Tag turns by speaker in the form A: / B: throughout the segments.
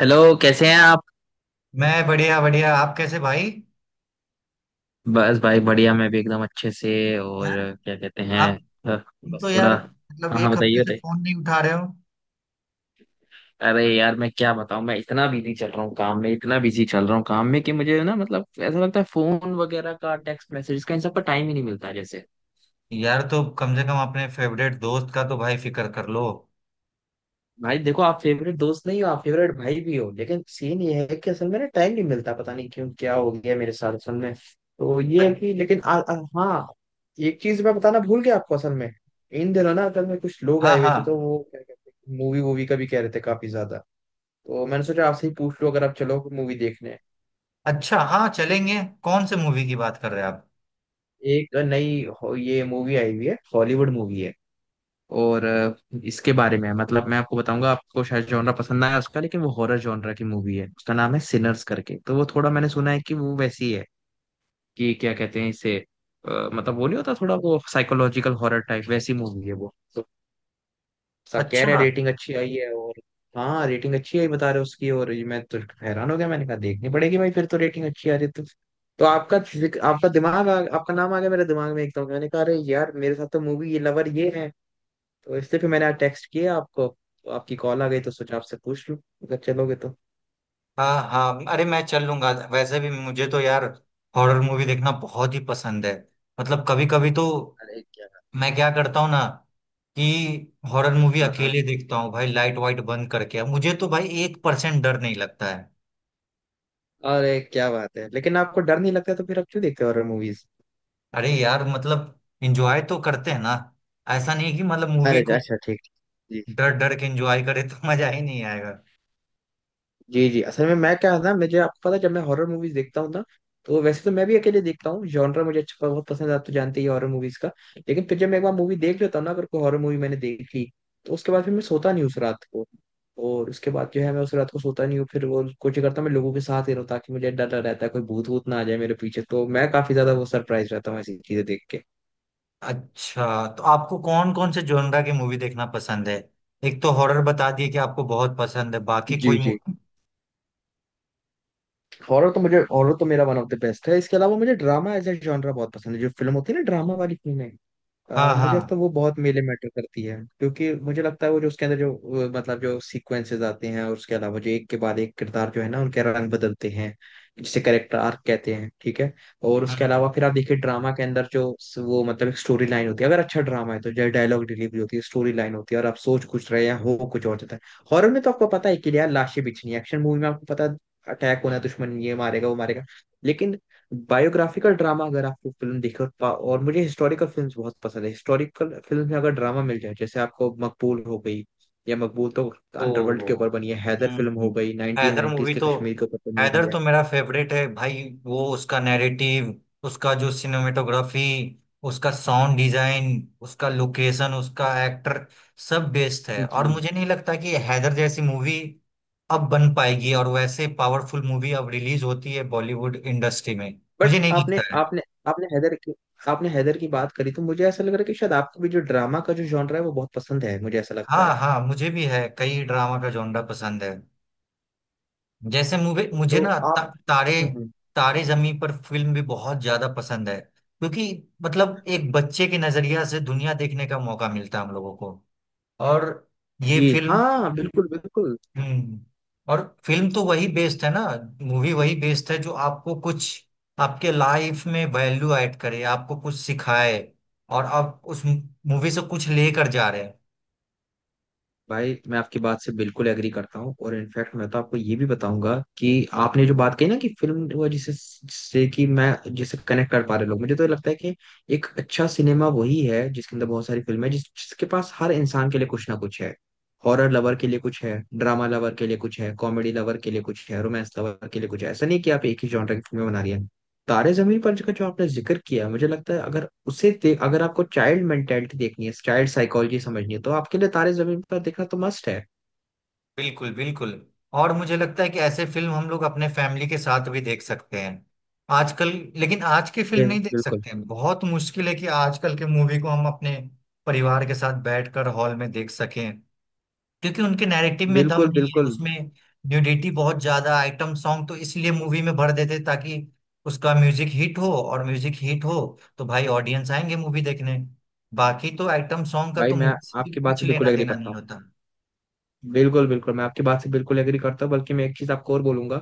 A: Hello. कैसे हैं आप?
B: मैं बढ़िया बढ़िया। आप कैसे भाई?
A: बस भाई बढ़िया। मैं भी एकदम अच्छे से। और
B: यार
A: क्या कहते हैं?
B: आप।
A: अ,
B: तुम तो
A: बस
B: यार
A: थोड़ा।
B: मतलब
A: हाँ हाँ,
B: एक
A: बताइए
B: हफ्ते से
A: बताइए।
B: फोन नहीं उठा रहे हो।
A: अरे यार, मैं क्या बताऊं। मैं इतना बिजी चल रहा हूँ काम में, इतना बिजी चल रहा हूँ काम में कि मुझे ना मतलब ऐसा लगता है फोन वगैरह का, टेक्स्ट मैसेज का, इन सब का टाइम ही नहीं मिलता जैसे।
B: यार तो कम से कम अपने फेवरेट दोस्त का तो भाई फिक्र कर लो।
A: भाई देखो, आप फेवरेट दोस्त नहीं हो, आप फेवरेट भाई भी हो, लेकिन सीन ये है कि असल में ना टाइम नहीं मिलता, पता नहीं क्यों, क्या हो गया मेरे साथ, असल में तो ये है
B: अ-
A: कि लेकिन आ, आ, हाँ। एक चीज मैं बताना भूल गया आपको असल में। इन दिनों ना असल में कुछ लोग
B: हाँ
A: आए हुए थे, तो
B: हाँ।
A: वो क्या कहते हैं, मूवी वूवी का भी कह रहे थे काफी ज्यादा। तो मैंने सोचा आपसे ही पूछ लो, अगर आप चलो मूवी देखने।
B: अच्छा हाँ, चलेंगे। कौन से मूवी की बात कर रहे हैं आप?
A: एक नई ये मूवी आई हुई है, हॉलीवुड मूवी है, और इसके बारे में है। मतलब मैं आपको बताऊंगा, आपको शायद जॉनरा पसंद ना आया उसका, लेकिन वो हॉरर जॉनरा की मूवी है। उसका नाम है सिनर्स करके। तो वो थोड़ा मैंने सुना है कि वो वैसी है कि क्या कहते हैं इसे, मतलब वो नहीं होता थोड़ा वो साइकोलॉजिकल हॉरर टाइप, वैसी मूवी है वो तो। सब कह रहे हैं
B: अच्छा।
A: रेटिंग अच्छी आई है, और हाँ, रेटिंग अच्छी आई बता रहे हो उसकी, और ये मैं तो हैरान हो गया, मैंने कहा देखनी पड़ेगी भाई, फिर तो रेटिंग अच्छी आ रही है तो। तो आपका दिमाग, आपका नाम आ गया मेरे दिमाग में एकदम। मैंने कहा अरे यार, मेरे साथ तो मूवी ये लवर ये है। तो इसलिए फिर मैंने टेक्स्ट किया आपको। आपकी कॉल आ गई तो सोचा आपसे पूछ लूं, अगर चलोगे तो।
B: हाँ हाँ, अरे मैं चल लूंगा। वैसे भी मुझे तो यार हॉरर मूवी देखना बहुत ही पसंद है। मतलब कभी कभी तो
A: अरे क्या बात।
B: मैं क्या करता हूँ ना कि हॉरर मूवी
A: हाँ हाँ।
B: अकेले देखता हूँ भाई। लाइट वाइट बंद करके मुझे तो भाई 1% डर नहीं लगता।
A: अरे क्या बात है, लेकिन आपको डर नहीं लगता तो फिर आप क्यों देखते हो हॉरर मूवीज?
B: अरे यार मतलब एंजॉय तो करते हैं ना। ऐसा नहीं कि मतलब मूवी
A: अरे
B: को
A: अच्छा, ठीक ठीक। जी।
B: डर डर के एंजॉय करे तो मजा ही नहीं आएगा।
A: जी जी, असल में मैं क्या है ना, मुझे आपको पता है, जब मैं हॉरर मूवीज देखता हूँ ना, तो वैसे तो मैं भी अकेले देखता हूँ, जॉनर मुझे अच्छा बहुत पसंद है, आप तो जानते ही हॉरर मूवीज का। लेकिन फिर जब मैं एक बार मूवी देख लेता हूँ ना, अगर कोई हॉरर मूवी मैंने देख ली, तो उसके बाद फिर मैं सोता नहीं उस रात को। और उसके बाद जो है मैं उस रात को सोता नहीं हूँ, फिर वो कोशिश करता हूँ मैं लोगों के साथ ही रहूँ, ताकि मुझे डर, डर रहता है कोई भूत भूत ना आ जाए मेरे पीछे, तो मैं काफी ज्यादा वो सरप्राइज रहता हूँ ऐसी चीजें देख के।
B: अच्छा, तो आपको कौन कौन से जोनरा की मूवी देखना पसंद है? एक तो हॉरर बता दिए कि आपको बहुत पसंद है, बाकी
A: जी
B: कोई
A: जी।
B: मूवी?
A: हॉरर तो, मुझे हॉरर तो मेरा वन ऑफ द बेस्ट है। इसके अलावा मुझे ड्रामा एज ए जॉनरा बहुत पसंद है, जो फिल्म होती है ना ड्रामा वाली फिल्में। मुझे लगता है
B: हाँ
A: वो बहुत मेले मैटर करती है, क्योंकि मुझे लगता है वो जो उसके अंदर जो, मतलब जो सीक्वेंसेस आते हैं, और उसके अलावा जो एक के बाद एक किरदार जो है ना उनके रंग बदलते हैं, जिसे कैरेक्टर आर्क कहते हैं, ठीक है। और उसके
B: हाँ।
A: अलावा फिर आप देखिए ड्रामा के अंदर जो वो मतलब एक स्टोरी लाइन होती है, अगर अच्छा ड्रामा है, तो जो डायलॉग डिलीवरी होती है, स्टोरी लाइन होती है, और आप सोच कुछ रहे हैं हो कुछ और जाता है। हॉरर में तो आपको पता है कि यार लाशें बिछनी है, एक्शन मूवी में आपको पता है अटैक होना है, दुश्मन ये मारेगा वो मारेगा। लेकिन बायोग्राफिकल ड्रामा अगर आपको फिल्म देखे और मुझे हिस्टोरिकल फिल्म्स बहुत पसंद है। हिस्टोरिकल फिल्म में अगर ड्रामा मिल जाए, जैसे आपको मकबूल हो गई, या मकबूल तो
B: ओ।
A: अंडरवर्ल्ड के ऊपर बनी है। हैदर
B: हम्म
A: फिल्म हो
B: हम्म।
A: गई
B: हैदर
A: 1990s
B: मूवी
A: के
B: तो।
A: कश्मीर के ऊपर बनी हुई
B: हैदर
A: है।
B: तो मेरा फेवरेट है भाई। वो उसका नैरेटिव, उसका जो सिनेमेटोग्राफी, उसका साउंड डिजाइन, उसका लोकेशन, उसका एक्टर, सब बेस्ट है। और
A: जी।
B: मुझे नहीं लगता कि हैदर जैसी मूवी अब बन पाएगी। और वैसे पावरफुल मूवी अब रिलीज होती है बॉलीवुड इंडस्ट्री में।
A: बट
B: मुझे नहीं
A: आपने
B: लगता है।
A: आपने आपने हैदर की आपने हैदर की बात करी तो मुझे ऐसा लग रहा है कि शायद आपको भी जो ड्रामा का जो जॉनर है वो बहुत पसंद है, मुझे ऐसा लगता है।
B: हाँ हाँ, मुझे भी है। कई ड्रामा का जॉनरा पसंद है। जैसे मुझे मुझे
A: तो
B: ना, ता,
A: आप,
B: तारे
A: हम्म,
B: तारे जमीन पर फिल्म भी बहुत ज्यादा पसंद है। क्योंकि मतलब एक बच्चे के नजरिया से दुनिया देखने का मौका मिलता है हम लोगों को। और ये
A: जी
B: फिल्म।
A: हाँ, बिल्कुल बिल्कुल।
B: हम्म। और फिल्म तो वही बेस्ड है ना। मूवी वही बेस्ड है जो आपको कुछ आपके लाइफ में वैल्यू ऐड करे, आपको कुछ सिखाए, और आप उस मूवी से कुछ लेकर जा रहे हैं।
A: भाई मैं आपकी बात से बिल्कुल एग्री करता हूँ, और इनफैक्ट मैं तो आपको ये भी बताऊंगा कि आपने जो बात कही ना कि फिल्म वो जिसे जिससे कि मैं जिसे कनेक्ट कर पा रहे लोग, मुझे तो लगता है कि एक अच्छा सिनेमा वही है जिसके अंदर बहुत सारी फिल्म है, जिसके पास हर इंसान के लिए कुछ ना कुछ है। हॉरर लवर के लिए कुछ है, ड्रामा लवर के लिए कुछ है, कॉमेडी लवर के लिए कुछ है, रोमांस लवर के लिए कुछ है, ऐसा नहीं कि आप एक ही जॉनर की फिल्में बना रही है। तारे जमीन पर का जो आपने जिक्र किया, मुझे लगता है अगर उसे देख, अगर आपको चाइल्ड मेंटेलिटी देखनी है, चाइल्ड साइकोलॉजी समझनी है, तो आपके लिए तारे जमीन पर देखना तो मस्ट है।
B: बिल्कुल बिल्कुल। और मुझे लगता है कि ऐसे फिल्म हम लोग अपने फैमिली के साथ भी देख सकते हैं आजकल। लेकिन आज की फिल्म नहीं देख
A: बिल्कुल
B: सकते हैं। बहुत मुश्किल है कि आजकल के मूवी को हम अपने परिवार के साथ बैठकर हॉल में देख सकें। क्योंकि उनके नैरेटिव में दम
A: बिल्कुल
B: नहीं है।
A: बिल्कुल,
B: उसमें न्यूडिटी बहुत ज्यादा, आइटम सॉन्ग तो इसलिए मूवी में भर देते ताकि उसका म्यूजिक हिट हो। और म्यूजिक हिट हो तो भाई ऑडियंस आएंगे मूवी देखने। बाकी तो आइटम सॉन्ग का
A: भाई
B: तो
A: मैं
B: मूवी से
A: आपकी बात
B: कुछ
A: से बिल्कुल
B: लेना
A: एग्री
B: देना
A: करता
B: नहीं
A: हूँ।
B: होता।
A: बिल्कुल बिल्कुल, मैं आपकी बात से बिल्कुल एग्री करता हूँ, बल्कि मैं एक चीज आपको और बोलूंगा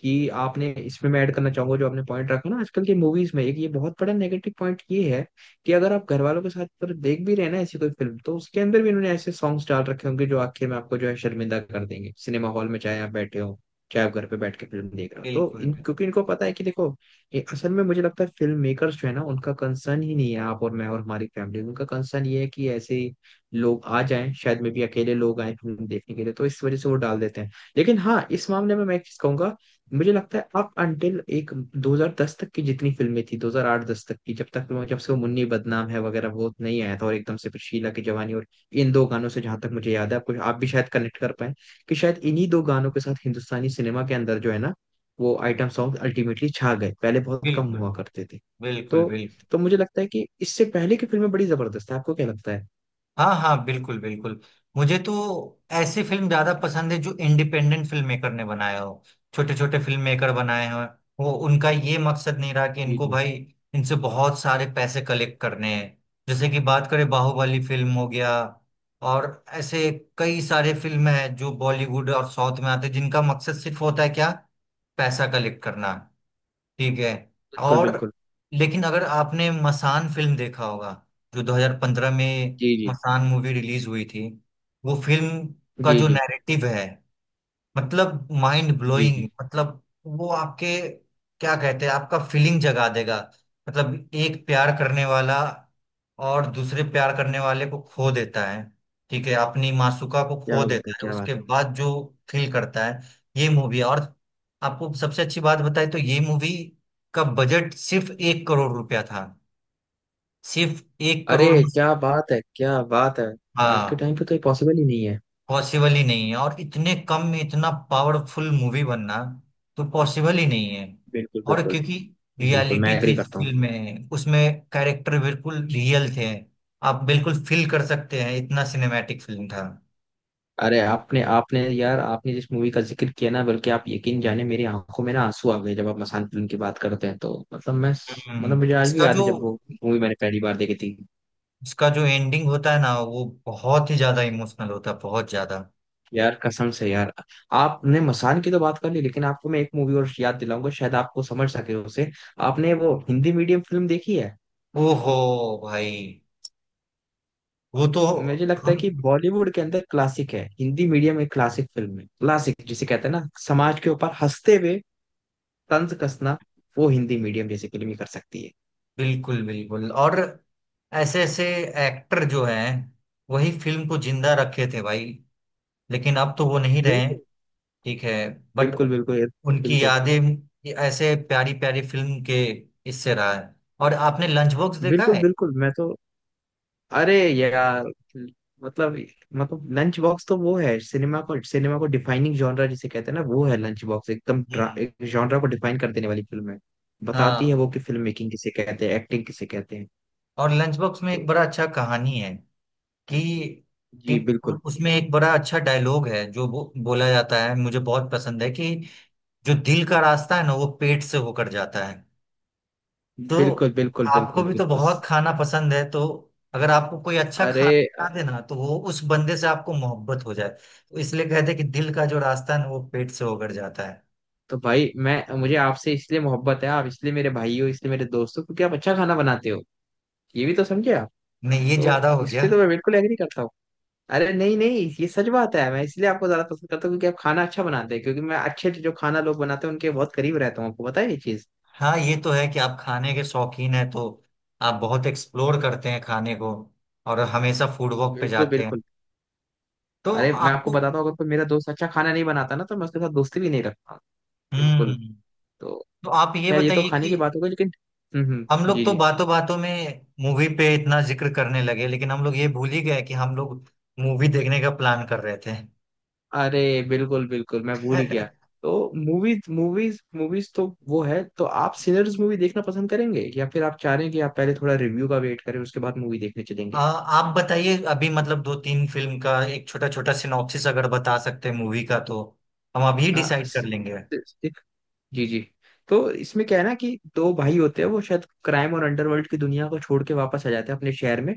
A: कि आपने इसमें मैं ऐड करना चाहूंगा, जो आपने पॉइंट रखा ना, आजकल की मूवीज में एक ये बहुत बड़ा नेगेटिव पॉइंट ये है कि अगर आप घर वालों के साथ पर देख भी रहे हैं ना ऐसी कोई फिल्म, तो उसके अंदर भी उन्होंने ऐसे सॉन्ग्स डाल रखे होंगे जो आखिर में आपको जो है शर्मिंदा कर देंगे, सिनेमा हॉल में चाहे आप बैठे हो, चाहे आप घर पे बैठ के फिल्म देख रहे हो, तो
B: बिल्कुल
A: इन क्योंकि इनको पता है कि देखो ये असल में मुझे लगता है फिल्म मेकर्स जो है ना, उनका कंसर्न ही नहीं है आप और मैं और हमारी फैमिली। उनका कंसर्न ये है कि ऐसे लोग आ जाएं, शायद में भी अकेले लोग आए फिल्म देखने के लिए, तो इस वजह से वो डाल देते हैं। लेकिन हाँ, इस मामले में मैं एक चीज कहूंगा। मुझे लगता है अप अंटिल एक 2010 तक की जितनी फिल्में थी, 2008-10 तक की, जब से वो मुन्नी बदनाम है वगैरह वो नहीं आया था, और एकदम से फिर शीला की जवानी, और इन दो गानों से जहां तक मुझे याद है आपको, आप भी शायद कनेक्ट कर पाए कि शायद इन्हीं दो गानों के साथ हिंदुस्तानी सिनेमा के अंदर जो है ना, वो आइटम सॉन्ग अल्टीमेटली छा गए, पहले बहुत कम
B: बिल्कुल
A: हुआ करते थे।
B: बिल्कुल
A: तो
B: बिल्कुल।
A: तो मुझे लगता है कि इससे पहले की फिल्में बड़ी जबरदस्त है, आपको क्या लगता है?
B: हाँ हाँ, बिल्कुल बिल्कुल। मुझे तो ऐसी फिल्म ज्यादा पसंद है जो इंडिपेंडेंट फिल्म मेकर ने बनाया हो। छोटे छोटे फिल्म मेकर बनाए हो। वो उनका ये मकसद नहीं रहा कि इनको
A: जी
B: भाई इनसे बहुत सारे पैसे कलेक्ट करने हैं। जैसे कि बात करें बाहुबली फिल्म हो गया। और ऐसे कई सारे फिल्म हैं जो बॉलीवुड और साउथ में आते हैं जिनका मकसद सिर्फ होता है क्या? पैसा कलेक्ट करना। ठीक है।
A: बिल्कुल
B: और
A: बिल्कुल।
B: लेकिन अगर आपने मसान फिल्म देखा होगा, जो 2015 में
A: जी जी
B: मसान मूवी रिलीज हुई थी। वो फिल्म का
A: जी।
B: जो
A: जी
B: नैरेटिव है, मतलब माइंड
A: जी जी।
B: ब्लोइंग। मतलब वो आपके, क्या कहते हैं, आपका फीलिंग जगा देगा। मतलब एक प्यार करने वाला और दूसरे प्यार करने वाले को खो देता है, ठीक है, अपनी मासूका को खो
A: क्या बात है,
B: देता है।
A: क्या बात
B: उसके
A: है।
B: बाद जो फील करता है ये मूवी। और आपको सबसे अच्छी बात बताए तो ये मूवी का बजट सिर्फ 1 करोड़ रुपया था। सिर्फ एक
A: अरे
B: करोड़
A: क्या बात है, क्या बात है। आज के
B: हाँ,
A: टाइम पे तो ये पॉसिबल ही नहीं है।
B: पॉसिबल ही नहीं है। और इतने कम में इतना पावरफुल मूवी बनना तो पॉसिबल ही नहीं है।
A: बिल्कुल
B: और
A: बिल्कुल।
B: क्योंकि
A: बिल्कुल,
B: रियलिटी
A: मैं
B: थी
A: एग्री
B: इस
A: करता हूँ।
B: फिल्म में, उसमें कैरेक्टर बिल्कुल रियल थे। आप बिल्कुल फील कर सकते हैं, इतना सिनेमैटिक फिल्म था।
A: अरे आपने आपने यार, आपने जिस मूवी का जिक्र किया ना, बल्कि आप यकीन जाने मेरी आंखों में ना आंसू आ गए, जब आप मसान फिल्म की बात करते हैं, तो मतलब मैं,
B: हम्म,
A: मतलब मुझे आज भी
B: इसका
A: याद है
B: जो
A: जब वो मूवी मैंने पहली बार देखी थी।
B: इसका जो एंडिंग होता है ना वो बहुत ही ज्यादा इमोशनल होता है, बहुत ज्यादा।
A: यार कसम से यार, आपने मसान की तो बात कर ली, लेकिन आपको मैं एक मूवी और याद दिलाऊंगा, शायद आपको समझ सके उसे। आपने वो हिंदी मीडियम फिल्म देखी है?
B: ओहो भाई, वो तो।
A: मुझे लगता है
B: हम,
A: कि बॉलीवुड के अंदर क्लासिक है, हिंदी मीडियम एक क्लासिक फिल्म है, क्लासिक जिसे कहते हैं ना, समाज के ऊपर हंसते हुए तंज कसना वो हिंदी मीडियम जैसी फिल्म ही कर सकती है।
B: बिल्कुल बिल्कुल। और ऐसे ऐसे एक्टर जो हैं वही फिल्म को जिंदा रखे थे भाई। लेकिन अब तो वो नहीं रहे हैं,
A: बिल्कुल
B: ठीक है, बट
A: बिल्कुल बिल्कुल।
B: उनकी
A: बिल्कुल
B: यादें ये ऐसे प्यारी प्यारी फिल्म के इससे रहा है। और आपने लंच बॉक्स देखा
A: बिल्कुल
B: है?
A: बिल्कुल। मैं तो अरे यार, मतलब मतलब लंच बॉक्स तो वो है, सिनेमा को डिफाइनिंग जॉनरा जिसे कहते हैं ना, वो है लंच बॉक्स।
B: हम्म।
A: एक जॉनरा को डिफाइन कर देने वाली फिल्म है। बताती है
B: हाँ,
A: वो कि फिल्म मेकिंग किसे कहते हैं, एक्टिंग किसे कहते हैं।
B: और लंच बॉक्स में एक
A: तो
B: बड़ा अच्छा कहानी है कि, कि
A: जी बिल्कुल
B: उसमें एक बड़ा अच्छा डायलॉग है जो बोला जाता है, मुझे बहुत पसंद है कि जो दिल का रास्ता है ना वो पेट से होकर जाता है। तो
A: बिल्कुल बिल्कुल।
B: आपको
A: बिल्कुल
B: भी तो
A: बिल्कुल।
B: बहुत खाना पसंद है। तो अगर आपको कोई अच्छा
A: अरे
B: खाना खिला
A: अ,
B: देना तो वो उस बंदे से आपको मोहब्बत हो जाए। तो इसलिए कहते हैं कि दिल का जो रास्ता है ना वो पेट से होकर जाता है।
A: तो भाई, मैं मुझे आपसे इसलिए मोहब्बत है, आप इसलिए मेरे भाई हो, इसलिए मेरे दोस्त हो, क्योंकि आप अच्छा खाना बनाते हो। ये भी तो समझे आप।
B: नहीं ये
A: तो
B: ज्यादा हो
A: इस
B: गया।
A: पे तो मैं बिल्कुल एग्री करता हूँ। अरे नहीं नहीं, ये सच बात है। मैं इसलिए आपको ज्यादा पसंद करता हूँ क्योंकि आप खाना अच्छा बनाते हैं, क्योंकि मैं अच्छे जो खाना लोग बनाते हैं उनके बहुत करीब रहता हूँ, आपको पता है ये चीज।
B: हाँ, ये तो है कि आप खाने के शौकीन हैं। तो आप बहुत एक्सप्लोर करते हैं खाने को। और हमेशा फूड वॉक पे
A: बिल्कुल
B: जाते हैं।
A: बिल्कुल।
B: तो
A: अरे मैं आपको
B: आपको।
A: बताता हूँ, अगर कोई मेरा दोस्त अच्छा खाना नहीं बनाता ना, तो मैं उसके साथ दोस्ती भी नहीं रखता। बिल्कुल।
B: हम्म।
A: तो
B: तो आप ये
A: खैर, ये तो
B: बताइए
A: खाने
B: कि
A: की बात हो गई लेकिन। हम्म।
B: हम लोग
A: जी
B: तो
A: जी।
B: बातों बातों में मूवी पे इतना जिक्र करने लगे लेकिन हम लोग ये भूल ही गए कि हम लोग मूवी देखने का प्लान कर रहे थे।
A: अरे बिल्कुल बिल्कुल, मैं भूल ही गया। तो मूवीज मूवीज मूवीज तो वो है, तो आप सिनर्स मूवी देखना पसंद करेंगे, या फिर आप चाह रहे हैं कि आप पहले थोड़ा रिव्यू का वेट करें उसके बाद मूवी देखने चलेंगे?
B: आप बताइए। अभी मतलब दो तीन फिल्म का एक छोटा छोटा सिनॉप्सिस अगर बता सकते हैं मूवी का तो हम अभी
A: आ,
B: डिसाइड कर
A: स-
B: लेंगे।
A: स- जी जी। तो इसमें क्या है ना कि दो भाई होते हैं, वो शायद क्राइम और अंडरवर्ल्ड की दुनिया को छोड़ के वापस आ जाते हैं अपने शहर में।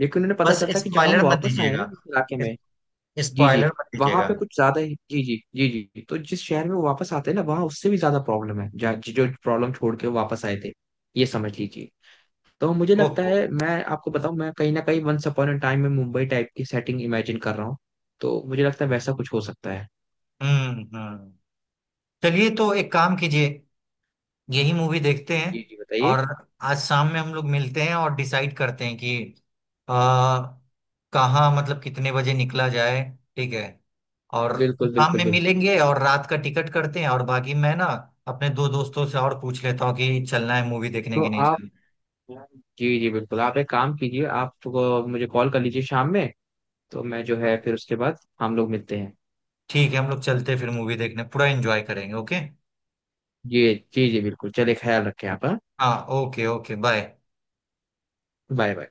A: लेकिन उन्हें पता
B: बस
A: चलता है कि जहां
B: स्पॉइलर
A: वो
B: मत
A: वापस आए हैं ना,
B: दीजिएगा।
A: जिस इलाके में जी जी,
B: स्पॉइलर मत
A: वहां
B: दीजिएगा।
A: पे कुछ ज्यादा ही। जी जी जी। जी, तो जिस शहर में वो वापस आते हैं ना, वहां उससे भी ज्यादा प्रॉब्लम है, जो प्रॉब्लम छोड़ के वो वापस आए थे, ये समझ लीजिए। तो मुझे लगता
B: ओहो।
A: है मैं आपको बताऊं, मैं कहीं ना कहीं वंस अपॉन अ टाइम में मुंबई टाइप की सेटिंग इमेजिन कर रहा हूँ। तो मुझे लगता है वैसा कुछ हो सकता है।
B: हम्म। चलिए तो एक काम कीजिए, यही मूवी देखते हैं।
A: जी जी, बताइए।
B: और आज शाम में हम लोग मिलते हैं और डिसाइड करते हैं कि आ, कहाँ मतलब कितने बजे निकला जाए। ठीक है। और
A: बिल्कुल
B: शाम
A: बिल्कुल
B: में
A: बिल्कुल।
B: मिलेंगे और रात का टिकट करते हैं। और बाकी मैं ना अपने दो दोस्तों से और पूछ लेता हूँ कि चलना है मूवी देखने
A: तो
B: की नहीं
A: आप,
B: चलना।
A: जी जी बिल्कुल, आप एक काम कीजिए, आप तो मुझे कॉल कर लीजिए शाम में। तो मैं जो है फिर उसके बाद हम लोग मिलते हैं।
B: ठीक है, हम लोग चलते हैं फिर मूवी देखने। पूरा एंजॉय करेंगे। ओके।
A: जी जी जी बिल्कुल, चलिए, ख्याल रखें आप, हाँ?
B: हाँ okay okay bye.
A: Bye bye.